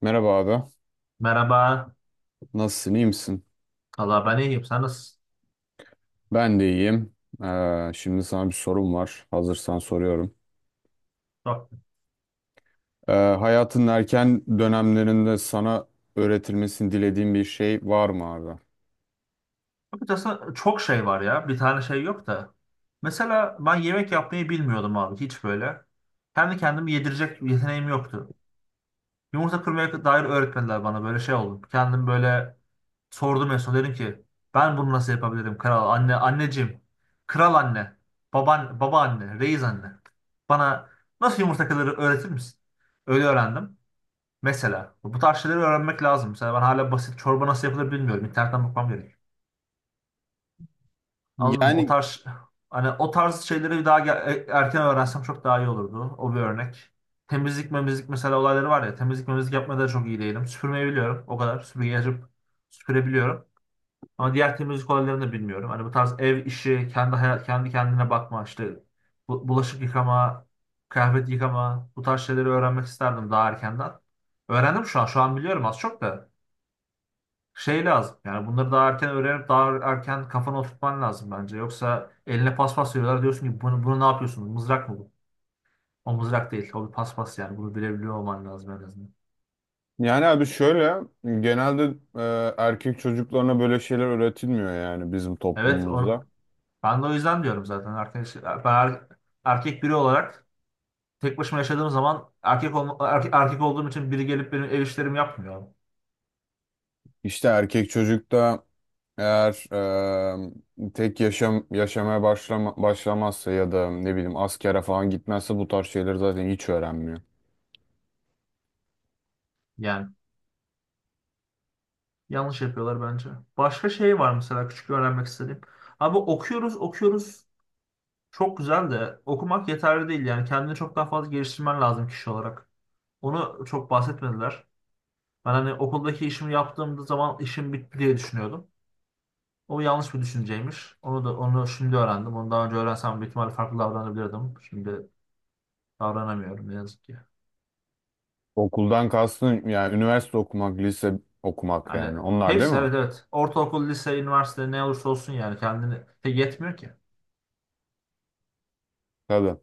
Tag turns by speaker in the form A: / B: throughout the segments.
A: Merhaba abi.
B: Merhaba.
A: Nasılsın? İyi misin?
B: Allah ben iyiyim. Sen nasılsın?
A: Ben de iyiyim. Şimdi sana bir sorum var. Hazırsan soruyorum.
B: Çok.
A: Hayatın erken dönemlerinde sana öğretilmesini dilediğin bir şey var mı abi?
B: Açıkçası çok şey var ya. Bir tane şey yok da. Mesela ben yemek yapmayı bilmiyordum abi. Hiç böyle. Kendi kendimi yedirecek yeteneğim yoktu. Yumurta kırmaya dair öğretmediler bana. Böyle şey oldu. Kendim böyle sordum en son. Dedim ki ben bunu nasıl yapabilirim kral? Anne, anneciğim. Kral anne. Baban, baba anne. Reis anne. Bana nasıl yumurta kırılır öğretir misin? Öyle öğrendim. Mesela bu tarz şeyleri öğrenmek lazım. Mesela ben hala basit çorba nasıl yapılır bilmiyorum. İnternetten bakmam gerekiyor. Anladın mı? O
A: Yani
B: tarz hani o tarz şeyleri daha erken öğrensem çok daha iyi olurdu. O bir örnek. Temizlik memizlik mesela olayları var ya. Temizlik memizlik yapmada da çok iyi değilim. Süpürmeyi biliyorum. O kadar. Süpürgeyi açıp süpürebiliyorum. Ama diğer temizlik olaylarını da bilmiyorum. Hani bu tarz ev işi, kendi hayat, kendi kendine bakma işte bulaşık yıkama, kıyafet yıkama bu tarz şeyleri öğrenmek isterdim daha erkenden. Öğrendim şu an. Şu an biliyorum az çok da. Şey lazım. Yani bunları daha erken öğrenip daha erken kafana oturtman lazım bence. Yoksa eline paspas veriyorlar diyorsun ki bunu ne yapıyorsunuz? Mızrak mı bu? O mızrak değil. O bir paspas yani. Bunu bilebiliyor olman lazım en azından.
A: yani abi, şöyle, genelde erkek çocuklarına böyle şeyler öğretilmiyor, yani bizim
B: Evet onu,
A: toplumumuzda.
B: ben de o yüzden diyorum zaten. Arkadaş, ben erkek biri olarak tek başıma yaşadığım zaman erkek olduğum için biri gelip benim ev işlerimi yapmıyor.
A: İşte erkek çocukta, eğer tek yaşamaya başlamazsa ya da ne bileyim askere falan gitmezse, bu tarz şeyleri zaten hiç öğrenmiyor.
B: Yani yanlış yapıyorlar bence. Başka şey var mesela küçük öğrenmek istediğim. Abi okuyoruz okuyoruz. Çok güzel de okumak yeterli değil yani kendini çok daha fazla geliştirmen lazım kişi olarak. Onu çok bahsetmediler. Ben hani okuldaki işimi yaptığımda zaman işim bitti diye düşünüyordum. O yanlış bir düşünceymiş. Onu şimdi öğrendim. Onu daha önce öğrensem büyük ihtimalle farklı davranabilirdim. Şimdi davranamıyorum ne yazık ki.
A: Okuldan kastın, yani üniversite okumak, lise okumak,
B: Yani
A: yani onlar değil
B: hepsi,
A: mi?
B: evet, evet. Ortaokul, lise, üniversite ne olursa olsun yani kendini. Tek yetmiyor ki.
A: Tabii.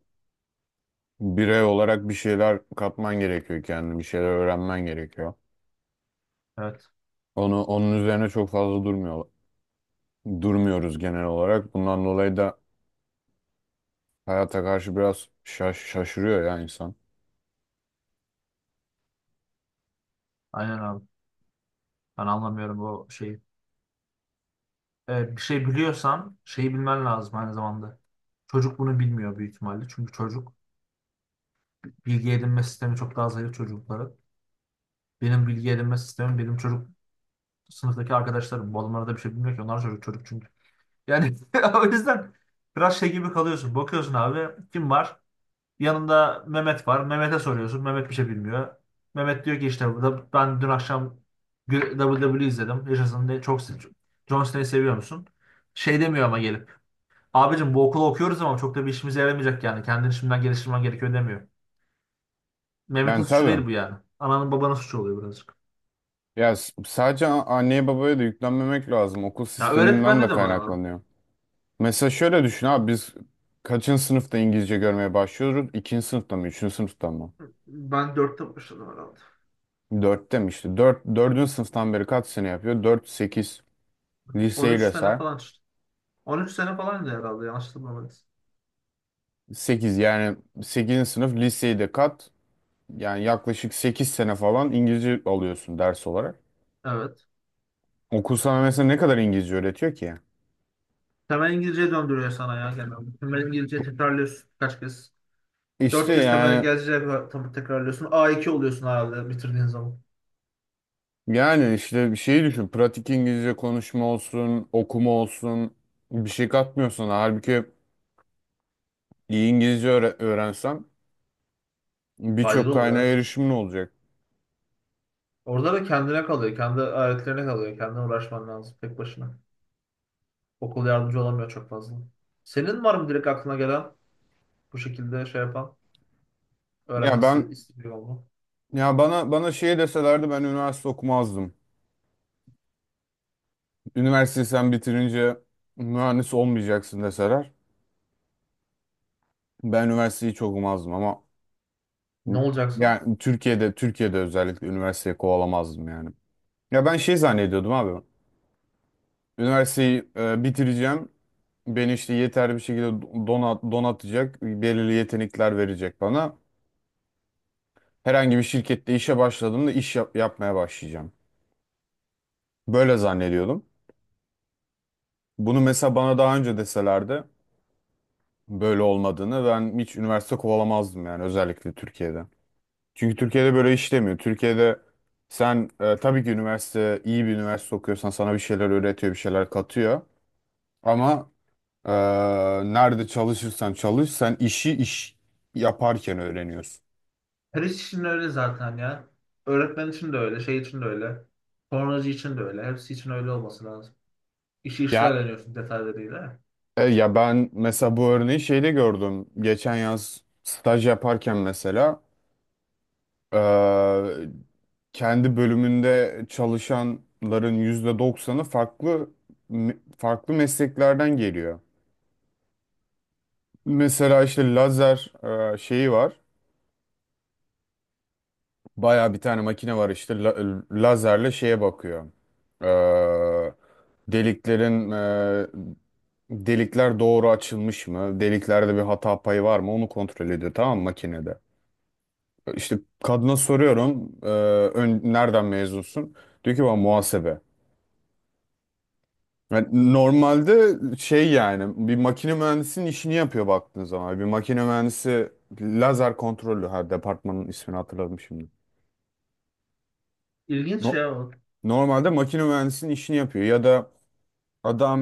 A: Birey olarak bir şeyler katman gerekiyor kendine, bir şeyler öğrenmen gerekiyor.
B: Evet.
A: Onun üzerine çok fazla durmuyoruz genel olarak. Bundan dolayı da hayata karşı biraz şaşırıyor ya insan.
B: Aynen abi. Ben anlamıyorum bu şeyi. Bir şey biliyorsan şeyi bilmen lazım aynı zamanda. Çocuk bunu bilmiyor büyük ihtimalle. Çünkü çocuk bilgi edinme sistemi çok daha zayıf çocukların. Benim bilgi edinme sistemim benim çocuk sınıftaki arkadaşlarım. Bu adamlar da bir şey bilmiyor ki. Onlar çocuk çocuk çünkü. Yani o yüzden biraz şey gibi kalıyorsun. Bakıyorsun abi kim var? Yanında Mehmet var. Mehmet'e soruyorsun. Mehmet bir şey bilmiyor. Mehmet diyor ki işte ben dün akşam WWE izledim. Yaşasın diye çok John Cena'yı seviyor musun? Şey demiyor ama gelip. Abicim bu okulu okuyoruz ama çok da bir işimize yaramayacak yani. Kendini şimdiden geliştirmen gerekiyor demiyor. Mehmet'in
A: Yani
B: suçu
A: tabii.
B: değil bu yani. Ananın babanın suçu oluyor birazcık.
A: Ya sadece anneye babaya da yüklenmemek lazım. Okul
B: Ya
A: sisteminden de
B: öğretmende de var, abi.
A: kaynaklanıyor. Mesela şöyle düşün abi, biz kaçıncı sınıfta İngilizce görmeye başlıyoruz? İkinci sınıfta mı? Üçüncü sınıfta mı?
B: Ben 4'te başladım herhalde.
A: Dörtte mi işte? Dördüncü sınıftan beri kaç sene yapıyor? Dört, sekiz.
B: On
A: Liseyi
B: üç
A: de
B: sene
A: say.
B: falan işte. On üç sene falan da herhalde yanlış hatırlamıyorsam.
A: Yani sekizinci sınıf, liseyi de kat. Yani yaklaşık 8 sene falan İngilizce alıyorsun ders olarak.
B: Evet.
A: Okul sana mesela ne kadar İngilizce öğretiyor ki?
B: Temel İngilizce döndürüyor sana ya genelde. Temel İngilizce tekrarlıyorsun kaç kez.
A: İşte,
B: 4 kez temel
A: yani
B: İngilizce tekrarlıyorsun. A iki oluyorsun herhalde bitirdiğin zaman.
A: yani işte, bir şeyi düşün. Pratik İngilizce, konuşma olsun, okuma olsun, bir şey katmıyor sana. Halbuki iyi İngilizce öğrensen,
B: Faydalı
A: birçok
B: olur
A: kaynağa
B: evet.
A: erişimin olacak.
B: Orada da kendine kalıyor. Kendi aletlerine kalıyor. Kendine uğraşman lazım tek başına. Okul yardımcı olamıyor çok fazla. Senin var mı direkt aklına gelen bu şekilde şey yapan,
A: Ya
B: öğrenmek
A: ben
B: istediği oldu?
A: ya bana bana şey deselerdi, ben üniversite okumazdım. Üniversiteyi sen bitirince mühendis olmayacaksın deseler, ben üniversiteyi hiç okumazdım ama.
B: Ne olacaksın?
A: Yani Türkiye'de özellikle üniversiteyi kovalamazdım yani. Ya ben şey zannediyordum abi. Üniversiteyi bitireceğim. Beni işte yeterli bir şekilde donatacak. Belirli yetenekler verecek bana. Herhangi bir şirkette işe başladığımda, iş yapmaya başlayacağım. Böyle zannediyordum. Bunu mesela bana daha önce deselerdi böyle olmadığını, ben hiç üniversite kovalamazdım, yani özellikle Türkiye'de. Çünkü Türkiye'de böyle işlemiyor. Türkiye'de sen, tabii ki, iyi bir üniversite okuyorsan sana bir şeyler öğretiyor, bir şeyler katıyor. Ama e, nerede çalışırsan çalış, sen iş yaparken öğreniyorsun.
B: Her iş için öyle zaten ya. Öğretmen için de öyle, şey için de öyle. Sonracı için de öyle. Hepsi için öyle olması lazım. İşi işte
A: Ya
B: öğreniyorsun detaylarıyla.
A: ya ben mesela bu örneği şeyde gördüm. Geçen yaz staj yaparken mesela, e, kendi bölümünde çalışanların yüzde doksanı farklı farklı mesleklerden geliyor. Mesela işte lazer şeyi var. Baya bir tane makine var işte, lazerle şeye bakıyor. E, deliklerin e, delikler doğru açılmış mı? Deliklerde bir hata payı var mı? Onu kontrol ediyor, tamam mı, makinede. İşte kadına soruyorum, nereden mezunsun? Diyor ki bana, muhasebe. Yani normalde şey, yani bir makine mühendisinin işini yapıyor baktığın zaman. Bir makine mühendisi, lazer kontrolü. Her departmanın ismini hatırladım şimdi.
B: İlginç
A: No-
B: şey o.
A: Normalde makine mühendisinin işini yapıyor, ya da adam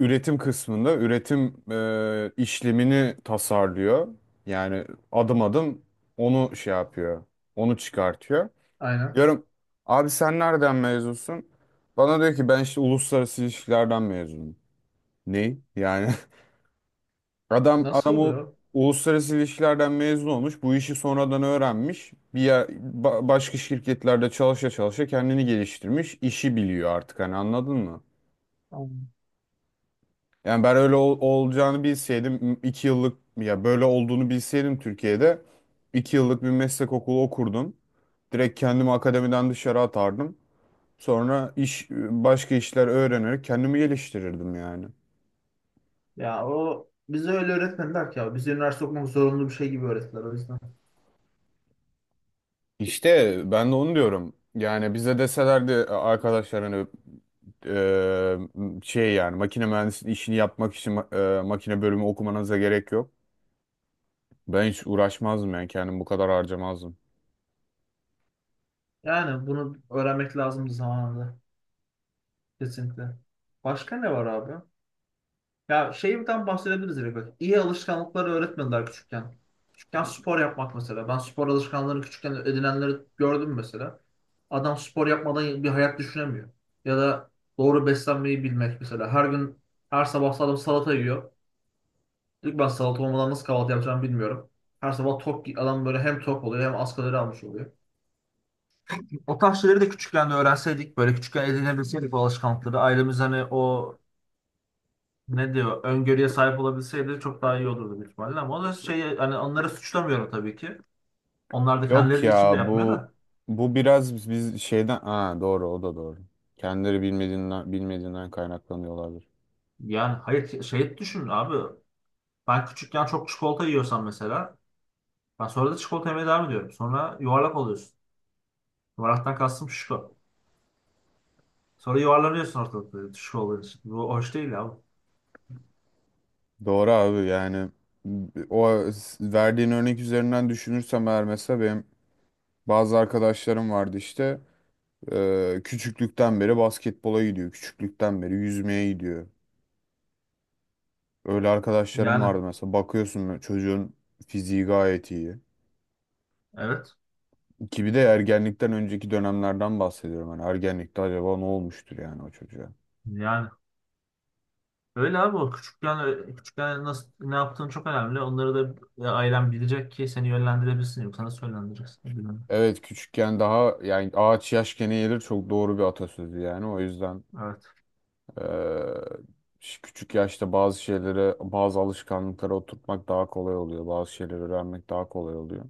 A: üretim kısmında üretim işlemini tasarlıyor. Yani adım adım onu şey yapıyor, onu çıkartıyor.
B: Aynen.
A: Diyorum, abi sen nereden mezunsun? Bana diyor ki, ben işte uluslararası ilişkilerden mezunum. Ne? Yani Adam
B: Nasıl
A: adam o
B: oluyor?
A: uluslararası ilişkilerden mezun olmuş. Bu işi sonradan öğrenmiş. Başka şirketlerde çalışa çalışa kendini geliştirmiş. İşi biliyor artık, hani anladın mı?
B: Anladım.
A: Yani ben öyle olacağını bilseydim, iki yıllık, ya böyle olduğunu bilseydim, Türkiye'de iki yıllık bir meslek okulu okurdum. Direkt kendimi akademiden dışarı atardım. Sonra başka işler öğrenerek kendimi geliştirirdim yani.
B: Ya o bize öyle öğretmediler ki ya. Bize üniversite okumak zorunlu bir şey gibi öğrettiler o yüzden.
A: İşte ben de onu diyorum. Yani bize deselerdi, arkadaşlar hani şey, yani makine mühendisliği işini yapmak için makine bölümü okumanıza gerek yok. Ben hiç uğraşmazdım, yani kendim bu kadar harcamazdım.
B: Yani bunu öğrenmek lazımdı zamanında. Kesinlikle. Başka ne var abi? Ya şeyden bahsedebiliriz direkt. Bak. İyi alışkanlıkları öğretmediler küçükken. Küçükken spor yapmak mesela. Ben spor alışkanlığını küçükken edinenleri gördüm mesela. Adam spor yapmadan bir hayat düşünemiyor. Ya da doğru beslenmeyi bilmek mesela. Her gün, her sabah adam salata yiyor. Diyor ki ben salata olmadan nasıl kahvaltı yapacağımı bilmiyorum. Her sabah tok adam böyle hem tok oluyor hem az kalori almış oluyor. O tarz şeyleri de küçükken de öğrenseydik, böyle küçükken edinebilseydik bu alışkanlıkları. Ailemiz hani o ne diyor öngörüye sahip olabilseydi çok daha iyi olurdu büyük ihtimalle ama o da şey hani onları suçlamıyorum tabii ki. Onlar da
A: Yok
B: kendileri de içinde
A: ya,
B: yapmıyor
A: bu
B: da.
A: bu biraz biz şeyden, ha doğru, o da doğru. Kendileri bilmediğinden kaynaklanıyor olabilir.
B: Yani hayır şey düşün abi. Ben küçükken çok çikolata yiyorsam mesela ben sonra da çikolata yemeye devam ediyorum. Sonra yuvarlak oluyorsun. Yuvarlaktan kastım şişko. Sonra yuvarlanıyorsun ortalıkta şişko olduğun için. Bu hoş değil abi.
A: Doğru abi, yani o verdiğin örnek üzerinden düşünürsem eğer, mesela benim bazı arkadaşlarım vardı işte. Küçüklükten beri basketbola gidiyor. Küçüklükten beri yüzmeye gidiyor. Öyle arkadaşlarım
B: Yani
A: vardı mesela. Bakıyorsun, böyle çocuğun fiziği gayet iyi.
B: evet.
A: Ki bir de ergenlikten önceki dönemlerden bahsediyorum. Hani ergenlikte acaba ne olmuştur yani o çocuğa?
B: Yani öyle abi o küçükken küçükken nasıl ne yaptığın çok önemli. Onları da ailen bilecek ki seni yönlendirebilsin. Yoksa nasıl yönlendireceksin? Bilmiyorum.
A: Evet, küçükken daha, yani ağaç yaşken eğilir, çok doğru bir atasözü yani. O yüzden
B: Evet.
A: ee, küçük yaşta bazı şeylere, bazı alışkanlıklara oturtmak daha kolay oluyor. Bazı şeyleri öğrenmek daha kolay oluyor.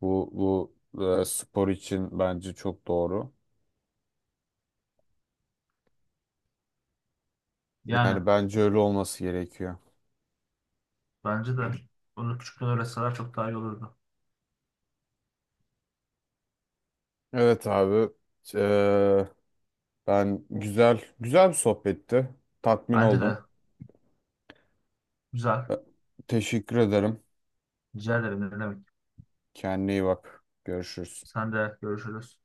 A: Bu spor için bence çok doğru.
B: Yani
A: Yani bence öyle olması gerekiyor.
B: bence de bunu küçükken öğretseler çok daha iyi olurdu.
A: Evet abi. Eee, güzel güzel bir sohbetti. Tatmin
B: Bence de
A: oldum.
B: güzel.
A: E, Teşekkür ederim.
B: Rica ederim ne demek.
A: Kendine iyi bak. Görüşürüz.
B: Sen de görüşürüz.